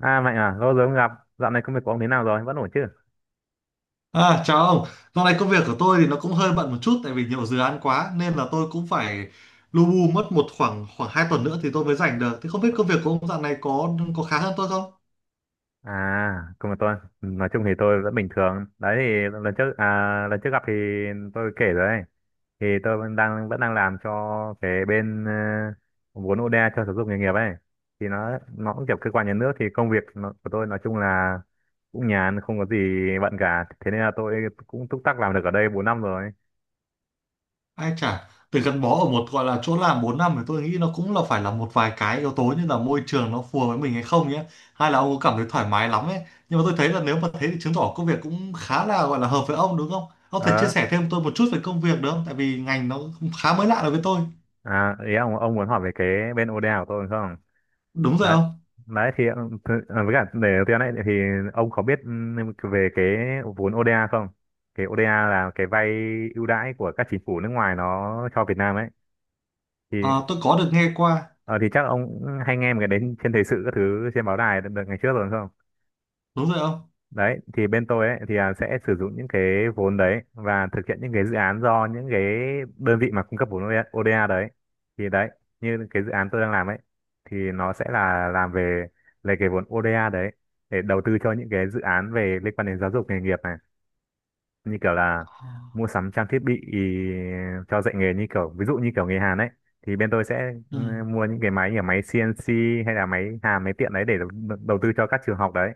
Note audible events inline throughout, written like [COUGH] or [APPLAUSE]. À Mạnh à, lâu rồi không gặp. Dạo này công việc của ông thế nào rồi? Vẫn ổn chứ? À, chào ông. Dạo này công việc của tôi thì nó cũng hơi bận một chút tại vì nhiều dự án quá nên là tôi cũng phải lu bu mất một khoảng khoảng 2 tuần nữa thì tôi mới rảnh được. Thì không biết công việc của ông dạo này có khá hơn tôi không? À, công việc tôi, nói chung thì tôi vẫn bình thường. Đấy thì lần trước gặp thì tôi kể rồi ấy. Thì tôi vẫn đang làm cho cái bên vốn ODA cho giáo dục nghề nghiệp ấy. Thì nó cũng kiểu cơ quan nhà nước, thì công việc nó, của tôi nói chung là cũng nhàn, không có gì bận cả. Thế nên là tôi cũng túc tắc làm được ở đây 4 năm rồi. Ai chả từ gắn bó ở một gọi là chỗ làm 4 năm thì tôi nghĩ nó cũng là phải là một vài cái yếu tố như là môi trường nó phù hợp với mình hay không nhé. Hay là ông có cảm thấy thoải mái lắm ấy. Nhưng mà tôi thấy là nếu mà thế thì chứng tỏ công việc cũng khá là gọi là hợp với ông đúng không? Ông có thể chia Ờ, sẻ thêm tôi một chút về công việc được không? Tại vì ngành nó khá mới lạ đối với tôi. à, ý ông muốn hỏi về cái bên ODA của tôi đúng không? Đúng Đấy rồi. đấy thì với cả để tiền này thì ông có biết về cái vốn ODA không? Cái ODA là cái vay ưu đãi của các chính phủ nước ngoài nó cho Việt Nam ấy. Thì Ờ, tôi có được nghe qua, ờ, thì chắc ông cũng hay nghe một cái đến trên thời sự các thứ trên báo đài đợt đợt ngày trước rồi đúng không? đúng rồi không? Đấy thì bên tôi ấy thì sẽ sử dụng những cái vốn đấy và thực hiện những cái dự án do những cái đơn vị mà cung cấp vốn ODA đấy. Thì đấy, như cái dự án tôi đang làm ấy, thì nó sẽ là làm về lấy cái vốn ODA đấy để đầu tư cho những cái dự án về liên quan đến giáo dục nghề nghiệp này. Như kiểu là Ờ. mua sắm trang thiết bị ý, cho dạy nghề, như kiểu ví dụ như kiểu nghề hàn ấy, thì bên tôi sẽ Ừ. mua những cái máy như là máy CNC hay là máy hàn, máy tiện đấy, để đầu đầu tư cho các trường học đấy.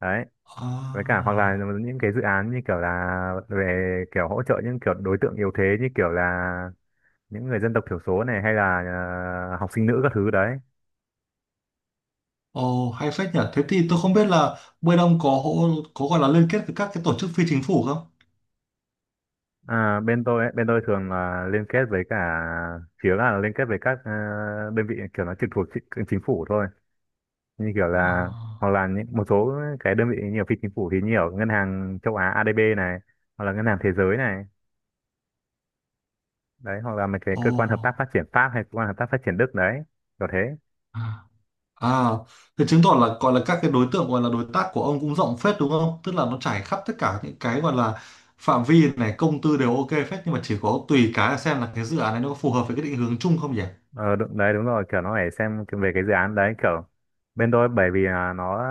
đấy với cả hoặc là À. những cái dự án như kiểu là về kiểu hỗ trợ những kiểu đối tượng yếu thế, như kiểu là những người dân tộc thiểu số này, hay là học sinh nữ các thứ đấy. Ồ, hay phết nhỉ. Thế thì tôi không biết là bên ông có có gọi là liên kết với các cái tổ chức phi chính phủ không? À, bên tôi ấy, bên tôi thường là liên kết với cả phía, là liên kết với các đơn vị kiểu nó trực thuộc chính phủ thôi. Như kiểu là Ờ. hoặc là những một số cái đơn vị nhiều phi chính phủ thì nhiều ngân hàng châu Á ADB này, hoặc là ngân hàng thế giới này đấy, hoặc là mấy cái Ồ. cơ quan hợp tác phát triển Pháp hay cơ quan hợp tác phát triển Đức đấy, kiểu thế. À. À, thế chứng tỏ là gọi là các cái đối tượng gọi là đối tác của ông cũng rộng phết đúng không? Tức là nó trải khắp tất cả những cái gọi là phạm vi này, công tư đều ok phết nhưng mà chỉ có tùy cái là xem là cái dự án này nó có phù hợp với cái định hướng chung không nhỉ? Ờ, đúng, đấy đúng rồi, kiểu nó phải xem về cái dự án đấy. Kiểu bên tôi bởi vì là nó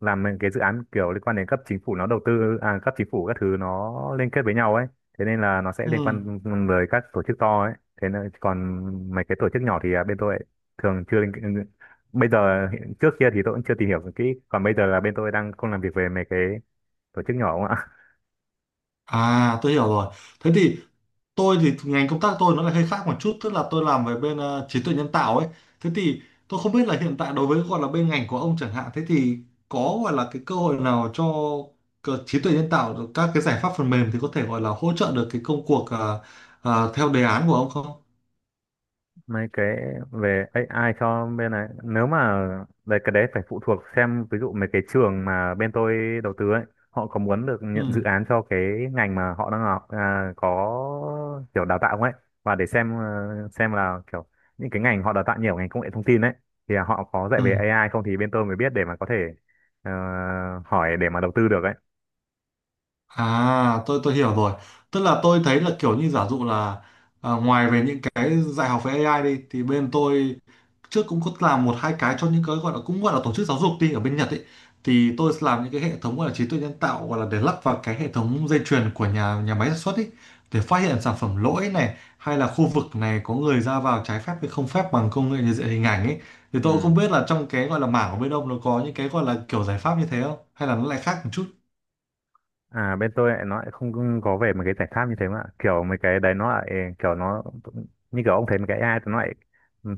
làm những cái dự án kiểu liên quan đến cấp chính phủ, nó đầu tư cấp chính phủ các thứ, nó liên kết với nhau ấy. Thế nên là nó sẽ liên Ừ. quan với các tổ chức to ấy. Thế nên còn mấy cái tổ chức nhỏ thì bên tôi thường chưa liên- bây giờ hiện- trước kia thì tôi cũng chưa tìm hiểu kỹ, còn bây giờ là bên tôi đang không làm việc về mấy cái tổ chức nhỏ. À, tôi hiểu rồi. Thế thì tôi thì ngành công tác tôi nó lại hơi khác một chút, tức là tôi làm về bên trí tuệ nhân tạo ấy. Thế thì tôi không biết là hiện tại đối với gọi là bên ngành của ông chẳng hạn, thế thì có gọi là cái cơ hội nào cho trí tuệ nhân tạo được các cái giải pháp phần mềm thì có thể gọi là hỗ trợ được cái công cuộc theo đề án của ông không? Mấy cái về AI cho bên này, nếu mà đấy, cái đấy phải phụ thuộc xem ví dụ mấy cái trường mà bên tôi đầu tư ấy, họ có muốn được nhận dự Ừ. án cho cái ngành mà họ đang học có kiểu đào tạo không ấy. Và để xem xem là kiểu những cái ngành họ đào tạo nhiều ở ngành công nghệ thông tin ấy, thì họ có dạy Ừ. về AI không, thì bên tôi mới biết để mà có thể ờ, hỏi để mà đầu tư được ấy. À, tôi hiểu rồi. Tức là tôi thấy là kiểu như giả dụ là à, ngoài về những cái dạy học về AI đi thì bên tôi trước cũng có làm một hai cái cho những cái gọi là cũng gọi là tổ chức giáo dục đi ở bên Nhật ấy thì tôi làm những cái hệ thống gọi là trí tuệ nhân tạo gọi là để lắp vào cái hệ thống dây chuyền của nhà nhà máy sản xuất ấy để phát hiện sản phẩm lỗi này hay là khu vực này có người ra vào trái phép hay không phép bằng công nghệ nhận diện hình ảnh ấy thì tôi cũng không Ừ. biết là trong cái gọi là mảng của bên ông nó có những cái gọi là kiểu giải pháp như thế không hay là nó lại khác một chút. À, bên tôi lại nó lại không có về mấy cái giải pháp như thế, mà kiểu mấy cái đấy nó lại kiểu nó như kiểu ông thấy mấy cái AI thì nó lại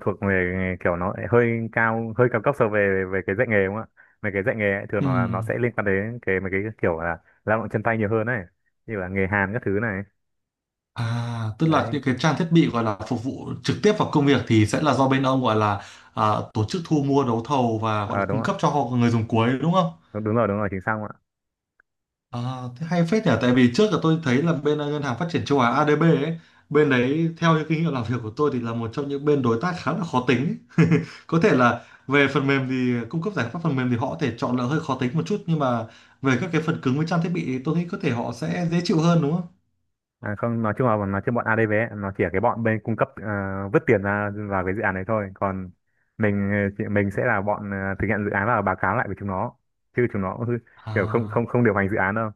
thuộc về kiểu nó lại hơi cao cấp so về về cái dạy nghề đúng không ạ. Mấy cái dạy nghề ấy, thường Ừ. nó sẽ liên quan đến cái mấy cái kiểu là lao động chân tay nhiều hơn này, như là nghề hàn các thứ này À, tức là đấy. những cái trang thiết bị gọi là phục vụ trực tiếp vào công việc thì sẽ là do bên ông gọi là à, tổ chức thu mua đấu thầu và gọi Ờ, là đúng cung không cấp cho họ người dùng cuối đúng không? ạ, đúng, đúng rồi, đúng rồi, chính xác. À, thế hay phết nhỉ, tại vì trước là tôi thấy là bên Ngân hàng Phát triển Châu Á ADB ấy, bên đấy theo những kinh nghiệm làm việc của tôi thì là một trong những bên đối tác khá là khó tính ấy. Có thể là về phần mềm thì cung cấp giải pháp phần mềm thì họ có thể chọn là hơi khó tính một chút nhưng mà về các cái phần cứng với trang thiết bị thì tôi nghĩ có thể họ sẽ dễ chịu hơn đúng không? À, không, nói chung bọn ADV ấy, nó chỉ là cái bọn bên cung cấp, vứt tiền ra vào cái dự án đấy thôi. Còn mình mình sẽ là bọn thực hiện dự án và báo cáo lại với chúng nó, chứ chúng nó cũng kiểu không không À. không điều hành dự án đâu.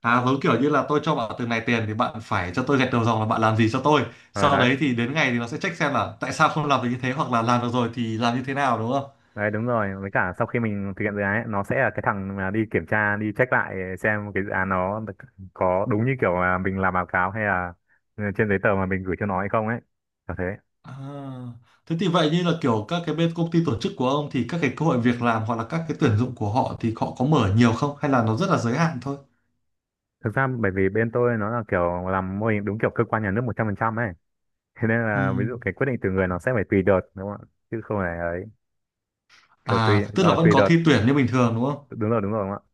À, giống kiểu như là tôi cho bạn từng này tiền thì bạn phải cho tôi gạch đầu dòng là bạn làm gì cho tôi. ờ Sau đấy đấy thì đến ngày thì nó sẽ check xem là tại sao không làm được như thế hoặc là làm được rồi thì làm như thế nào đúng không? đấy đúng rồi, với cả sau khi mình thực hiện dự án ấy, nó sẽ là cái thằng mà đi kiểm tra, đi check lại xem cái dự án nó có đúng như kiểu là mình làm báo cáo hay là trên giấy tờ mà mình gửi cho nó hay không ấy. Là thế. À, thế thì vậy như là kiểu các cái bên công ty tổ chức của ông thì các cái cơ hội việc làm hoặc là các cái tuyển dụng của họ thì họ có mở nhiều không hay là nó rất là giới hạn thôi? Thực ra bởi vì bên tôi nó là kiểu làm mô hình đúng kiểu cơ quan nhà nước 100% ấy. Thế nên Ừ. là ví dụ cái quyết định từ người, nó sẽ phải tùy đợt đúng không ạ, chứ không phải ấy. Kiểu tùy À, tức là ờ, vẫn tùy có đợt, thi tuyển như bình thường đúng không? đúng rồi, đúng rồi đúng không ạ.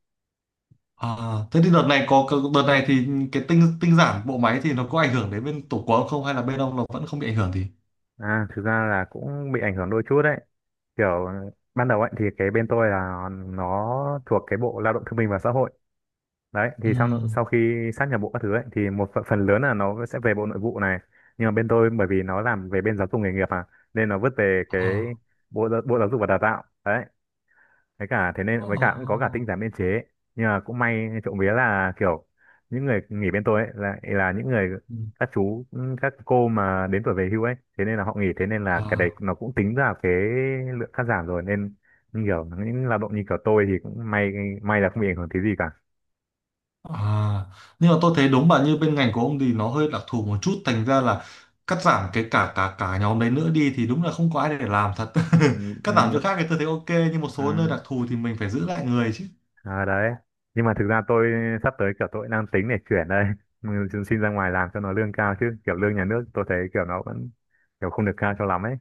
À, thế thì đợt này đợt này thì cái tinh tinh giản bộ máy thì nó có ảnh hưởng đến bên tổ của ông không hay là bên ông nó vẫn không bị ảnh hưởng gì? À, thực ra là cũng bị ảnh hưởng đôi chút đấy. Kiểu ban đầu ấy thì cái bên tôi là nó thuộc cái bộ lao động thương binh và xã hội. Đấy thì sau sau khi sát nhập bộ các thứ ấy thì một phần, phần lớn là nó sẽ về bộ nội vụ này. Nhưng mà bên tôi bởi vì nó làm về bên giáo dục nghề nghiệp à, nên nó vứt về cái Ừ. bộ giáo dục và đào tạo đấy. Thế nên Ồ. với cả cũng có cả tinh giản biên chế. Nhưng mà cũng may trộm vía là kiểu những người nghỉ bên tôi ấy là những người, Ừ. các chú các cô mà đến tuổi về hưu ấy, thế nên là họ nghỉ, thế nên là cái đấy À, nó cũng tính ra cái lượng cắt giảm rồi, nên như kiểu những lao động như kiểu tôi thì cũng may là không bị ảnh hưởng tí gì cả. à. Nhưng mà tôi thấy đúng bạn như bên ngành của ông thì nó hơi đặc thù một chút, thành ra là cắt giảm cái cả cả cả nhóm đấy nữa đi thì đúng là không có ai để làm thật. Ừ, [LAUGHS] Cắt giảm ừ, chỗ khác thì tôi thấy ok, nhưng một số nơi ừ. đặc thù thì mình phải giữ lại người chứ. À, đấy, nhưng mà thực ra tôi sắp tới, kiểu tôi đang tính để chuyển đây. [LAUGHS] Ừ, xin ra ngoài làm cho nó lương cao, chứ kiểu lương nhà nước tôi thấy kiểu nó vẫn kiểu không được cao cho lắm ấy.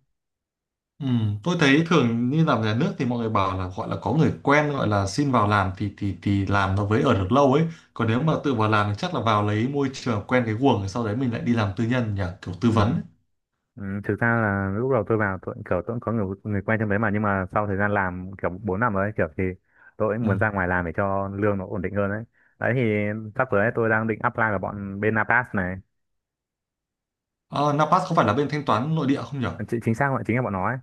Ừ, tôi thấy thường như làm nhà nước thì mọi người bảo là gọi là có người quen gọi là xin vào làm thì làm nó với ở được lâu ấy, còn nếu mà tự vào làm thì chắc là vào lấy môi trường quen cái guồng rồi sau đấy mình lại đi làm tư nhân nhỉ, kiểu Ừ. tư vấn ấy. Ừ, thực ra là lúc đầu tôi vào, tôi cũng kiểu tôi cũng có người người quen trong đấy mà, nhưng mà sau thời gian làm kiểu 4 năm rồi, kiểu thì tôi cũng Ừ. muốn ra ngoài làm để cho lương nó ổn định hơn đấy. Đấy thì sắp tới ấy, tôi đang định apply vào bọn bên Napas này. À, Napas không phải là bên thanh toán nội địa không nhỉ? Chính xác, gọi chính là bọn nó ấy.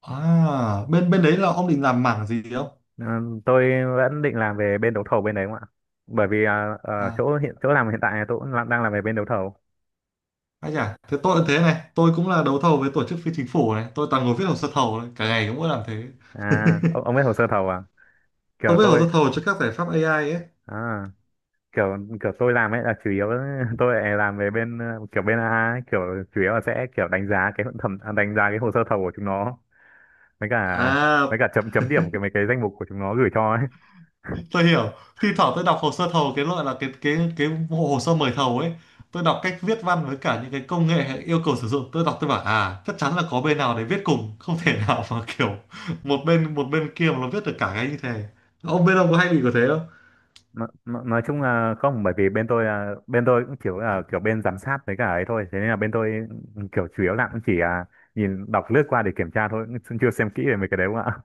À, bên bên đấy là ông định làm mảng gì không? Ờ, tôi vẫn định làm về bên đấu thầu bên đấy không ạ, bởi vì ở À, chỗ làm hiện tại tôi cũng đang làm về bên đấu thầu. anh à, thế tôi cũng thế này, tôi cũng là đấu thầu với tổ chức phi chính phủ này, tôi toàn ngồi viết hồ sơ thầu này, cả ngày cũng mỗi làm thế. À, ông [LAUGHS] biết hồ sơ thầu à? Tôi kiểu viết hồ tôi sơ thầu cho các giải pháp AI ấy. à kiểu kiểu tôi làm ấy là chủ yếu. [LAUGHS] Tôi lại làm về bên kiểu bên AA ấy, kiểu chủ yếu là sẽ kiểu đánh giá cái hồ sơ thầu của chúng nó, với cả với À, cả chấm chấm điểm cái mấy cái danh mục của chúng nó gửi cho ấy. tôi hiểu. Thi thoảng tôi đọc hồ sơ thầu cái loại là cái bộ hồ sơ mời thầu ấy. Tôi đọc cách viết văn với cả những cái công nghệ hay yêu cầu sử dụng, tôi đọc tôi bảo à, chắc chắn là có bên nào để viết cùng, không thể [LAUGHS] nào mà kiểu một bên kia mà nó viết được cả cái như thế. Ông bên ông có hay bị có thế? Nói chung là không, bởi vì bên tôi cũng kiểu là kiểu bên giám sát với cả ấy thôi, thế nên là bên tôi kiểu chủ yếu là cũng chỉ nhìn đọc lướt qua để kiểm tra thôi, cũng chưa xem kỹ về mấy cái đấy không ạ.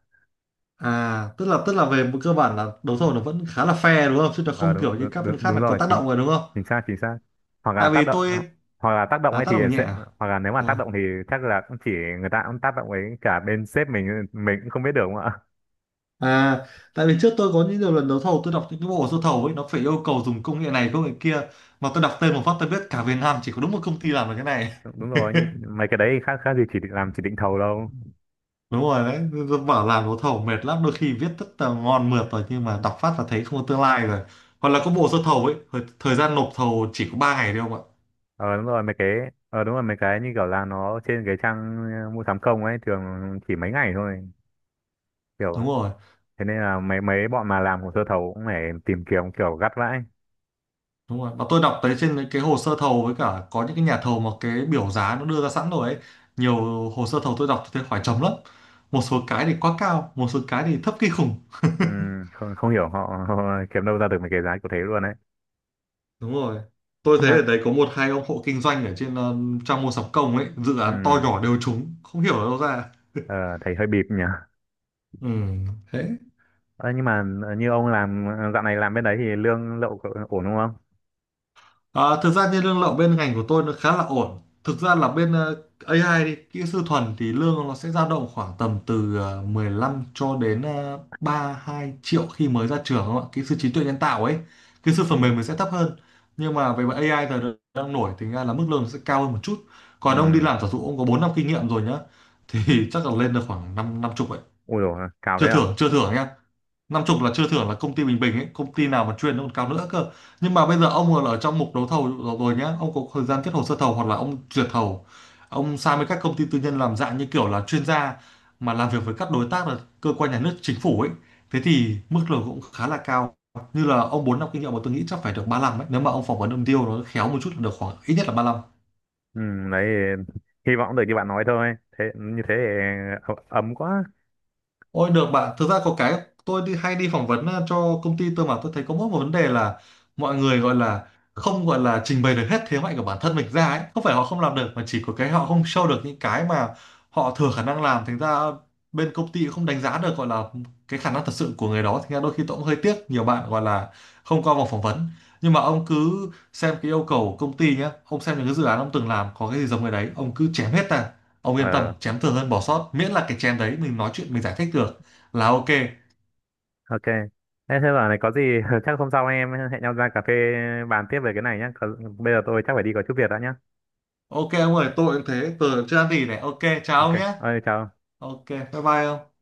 À, tức là về một cơ bản là đấu thầu nó vẫn khá là fair đúng không? Chứ nó Ờ không Đúng, kiểu như đúng, các đúng, bên khác đúng là có rồi, tác chính động rồi đúng không? chính xác chính xác. Hoặc là Tại tác vì động. tôi. Hoặc là tác động À ấy tác thì động nhẹ sẽ à? hoặc là nếu mà À, tác động thì chắc là cũng chỉ, người ta cũng tác động ấy, cả bên sếp mình cũng không biết được đúng không ạ. à tại vì trước tôi có những nhiều lần đấu thầu tôi đọc những cái bộ sơ thầu ấy nó phải yêu cầu dùng công nghệ này công nghệ kia mà tôi đọc tên một phát tôi biết cả Việt Nam chỉ có đúng một công ty làm được cái này. Đúng, đúng rồi, [LAUGHS] nhưng mấy cái đấy khác khác gì làm chỉ định thầu đâu. Đúng rồi đấy, tôi bảo làm đấu thầu mệt lắm, đôi khi viết rất là ngon mượt rồi nhưng mà đọc phát là thấy không có tương lai rồi. Hoặc là có bộ sơ thầu ấy, thời gian nộp thầu chỉ có 3 ngày thôi không ạ? Ờ Đúng rồi, mấy cái đúng rồi, mấy cái như kiểu là nó trên cái trang mua sắm công ấy, thường chỉ mấy ngày thôi kiểu. Đúng rồi. Thế nên là mấy mấy bọn mà làm hồ sơ thầu cũng phải tìm kiếm kiểu gắt vãi. Đúng rồi. Và tôi đọc thấy trên những cái hồ sơ thầu với cả có những cái nhà thầu mà cái biểu giá nó đưa ra sẵn rồi ấy. Nhiều hồ sơ thầu tôi đọc thì thấy hỏi chấm lắm. Một số cái thì quá cao, một số cái thì thấp kinh khủng. Không không hiểu họ, [LAUGHS] họ kiếm đâu ra được mấy cái giá kiểu thế luôn đấy. Đúng rồi. Tôi Không thấy mà. ở đấy có một hai ông hộ kinh doanh ở trên trang mua sắm công ấy, dự Ừ. án to nhỏ đều trúng, không hiểu ở đâu ra. Ờ, thấy hơi bịp nhỉ. Ừ, thế. Ờ, nhưng mà như ông làm dạo này làm bên đấy thì lương lậu cậu ổn đúng không? Ờ, thực ra như lương lậu bên ngành của tôi nó khá là ổn. Thực ra là bên AI đi, kỹ sư thuần thì lương nó sẽ dao động khoảng tầm từ 15 cho đến 32 triệu khi mới ra trường không ạ? Kỹ sư trí tuệ nhân tạo ấy, kỹ sư phần Ừ. mềm mình sẽ thấp hơn. Nhưng mà về mặt AI giờ đang đang nổi thì ra là mức lương nó sẽ cao hơn một chút. Ừ. Còn ông đi làm giả dụ ông có 4 năm kinh nghiệm rồi nhá thì [LAUGHS] chắc là lên được khoảng 5 năm chục ấy. Ui dồi, cao thế Chưa à? thưởng chưa thưởng nhá. Năm chục là chưa thưởng là công ty bình bình ấy, công ty nào mà chuyên nó còn cao nữa cơ. Nhưng mà bây giờ ông còn ở trong mục đấu thầu rồi rồi nhá, ông có thời gian kết hồ sơ thầu hoặc là ông duyệt thầu, ông sang với các công ty tư nhân làm dạng như kiểu là chuyên gia mà làm việc với các đối tác là cơ quan nhà nước chính phủ ấy, thế thì mức lương cũng khá là cao. Như là ông 4 năm kinh nghiệm mà tôi nghĩ chắc phải được 35 ấy, nếu mà ông phỏng vấn ông deal nó khéo một chút là được khoảng ít nhất là 35. Ừ, đấy hy vọng được như bạn nói thôi. Thế như thế thì ấm quá. Ôi được bạn, thực ra có cái tôi đi hay đi phỏng vấn cho công ty tôi mà tôi thấy có mỗi một vấn đề là mọi người gọi là không gọi là trình bày được hết thế mạnh của bản thân mình ra ấy, không phải họ không làm được mà chỉ có cái họ không show được những cái mà họ thừa khả năng làm, thành ra bên công ty cũng không đánh giá được gọi là cái khả năng thật sự của người đó, thành ra đôi khi tôi cũng hơi tiếc nhiều bạn gọi là không qua vòng phỏng vấn. Nhưng mà ông cứ xem cái yêu cầu của công ty nhé, ông xem những cái dự án ông từng làm có cái gì giống người đấy, ông cứ chém hết ra. Ông yên tâm, Ờ, chém thường hơn bỏ sót, miễn là cái chém đấy mình nói chuyện mình giải thích được là ok. ok. Thế thế giờ này có gì, [LAUGHS] chắc hôm sau em hẹn nhau ra cà phê bàn tiếp về cái này nhé. Còn bây giờ tôi chắc phải đi có chút việc đã nhá. Ok ông ơi, tôi cũng thế, tôi chưa ăn gì này. Ok, chào Ok. ông nhé. Ơi chào. Ok, bye bye ông.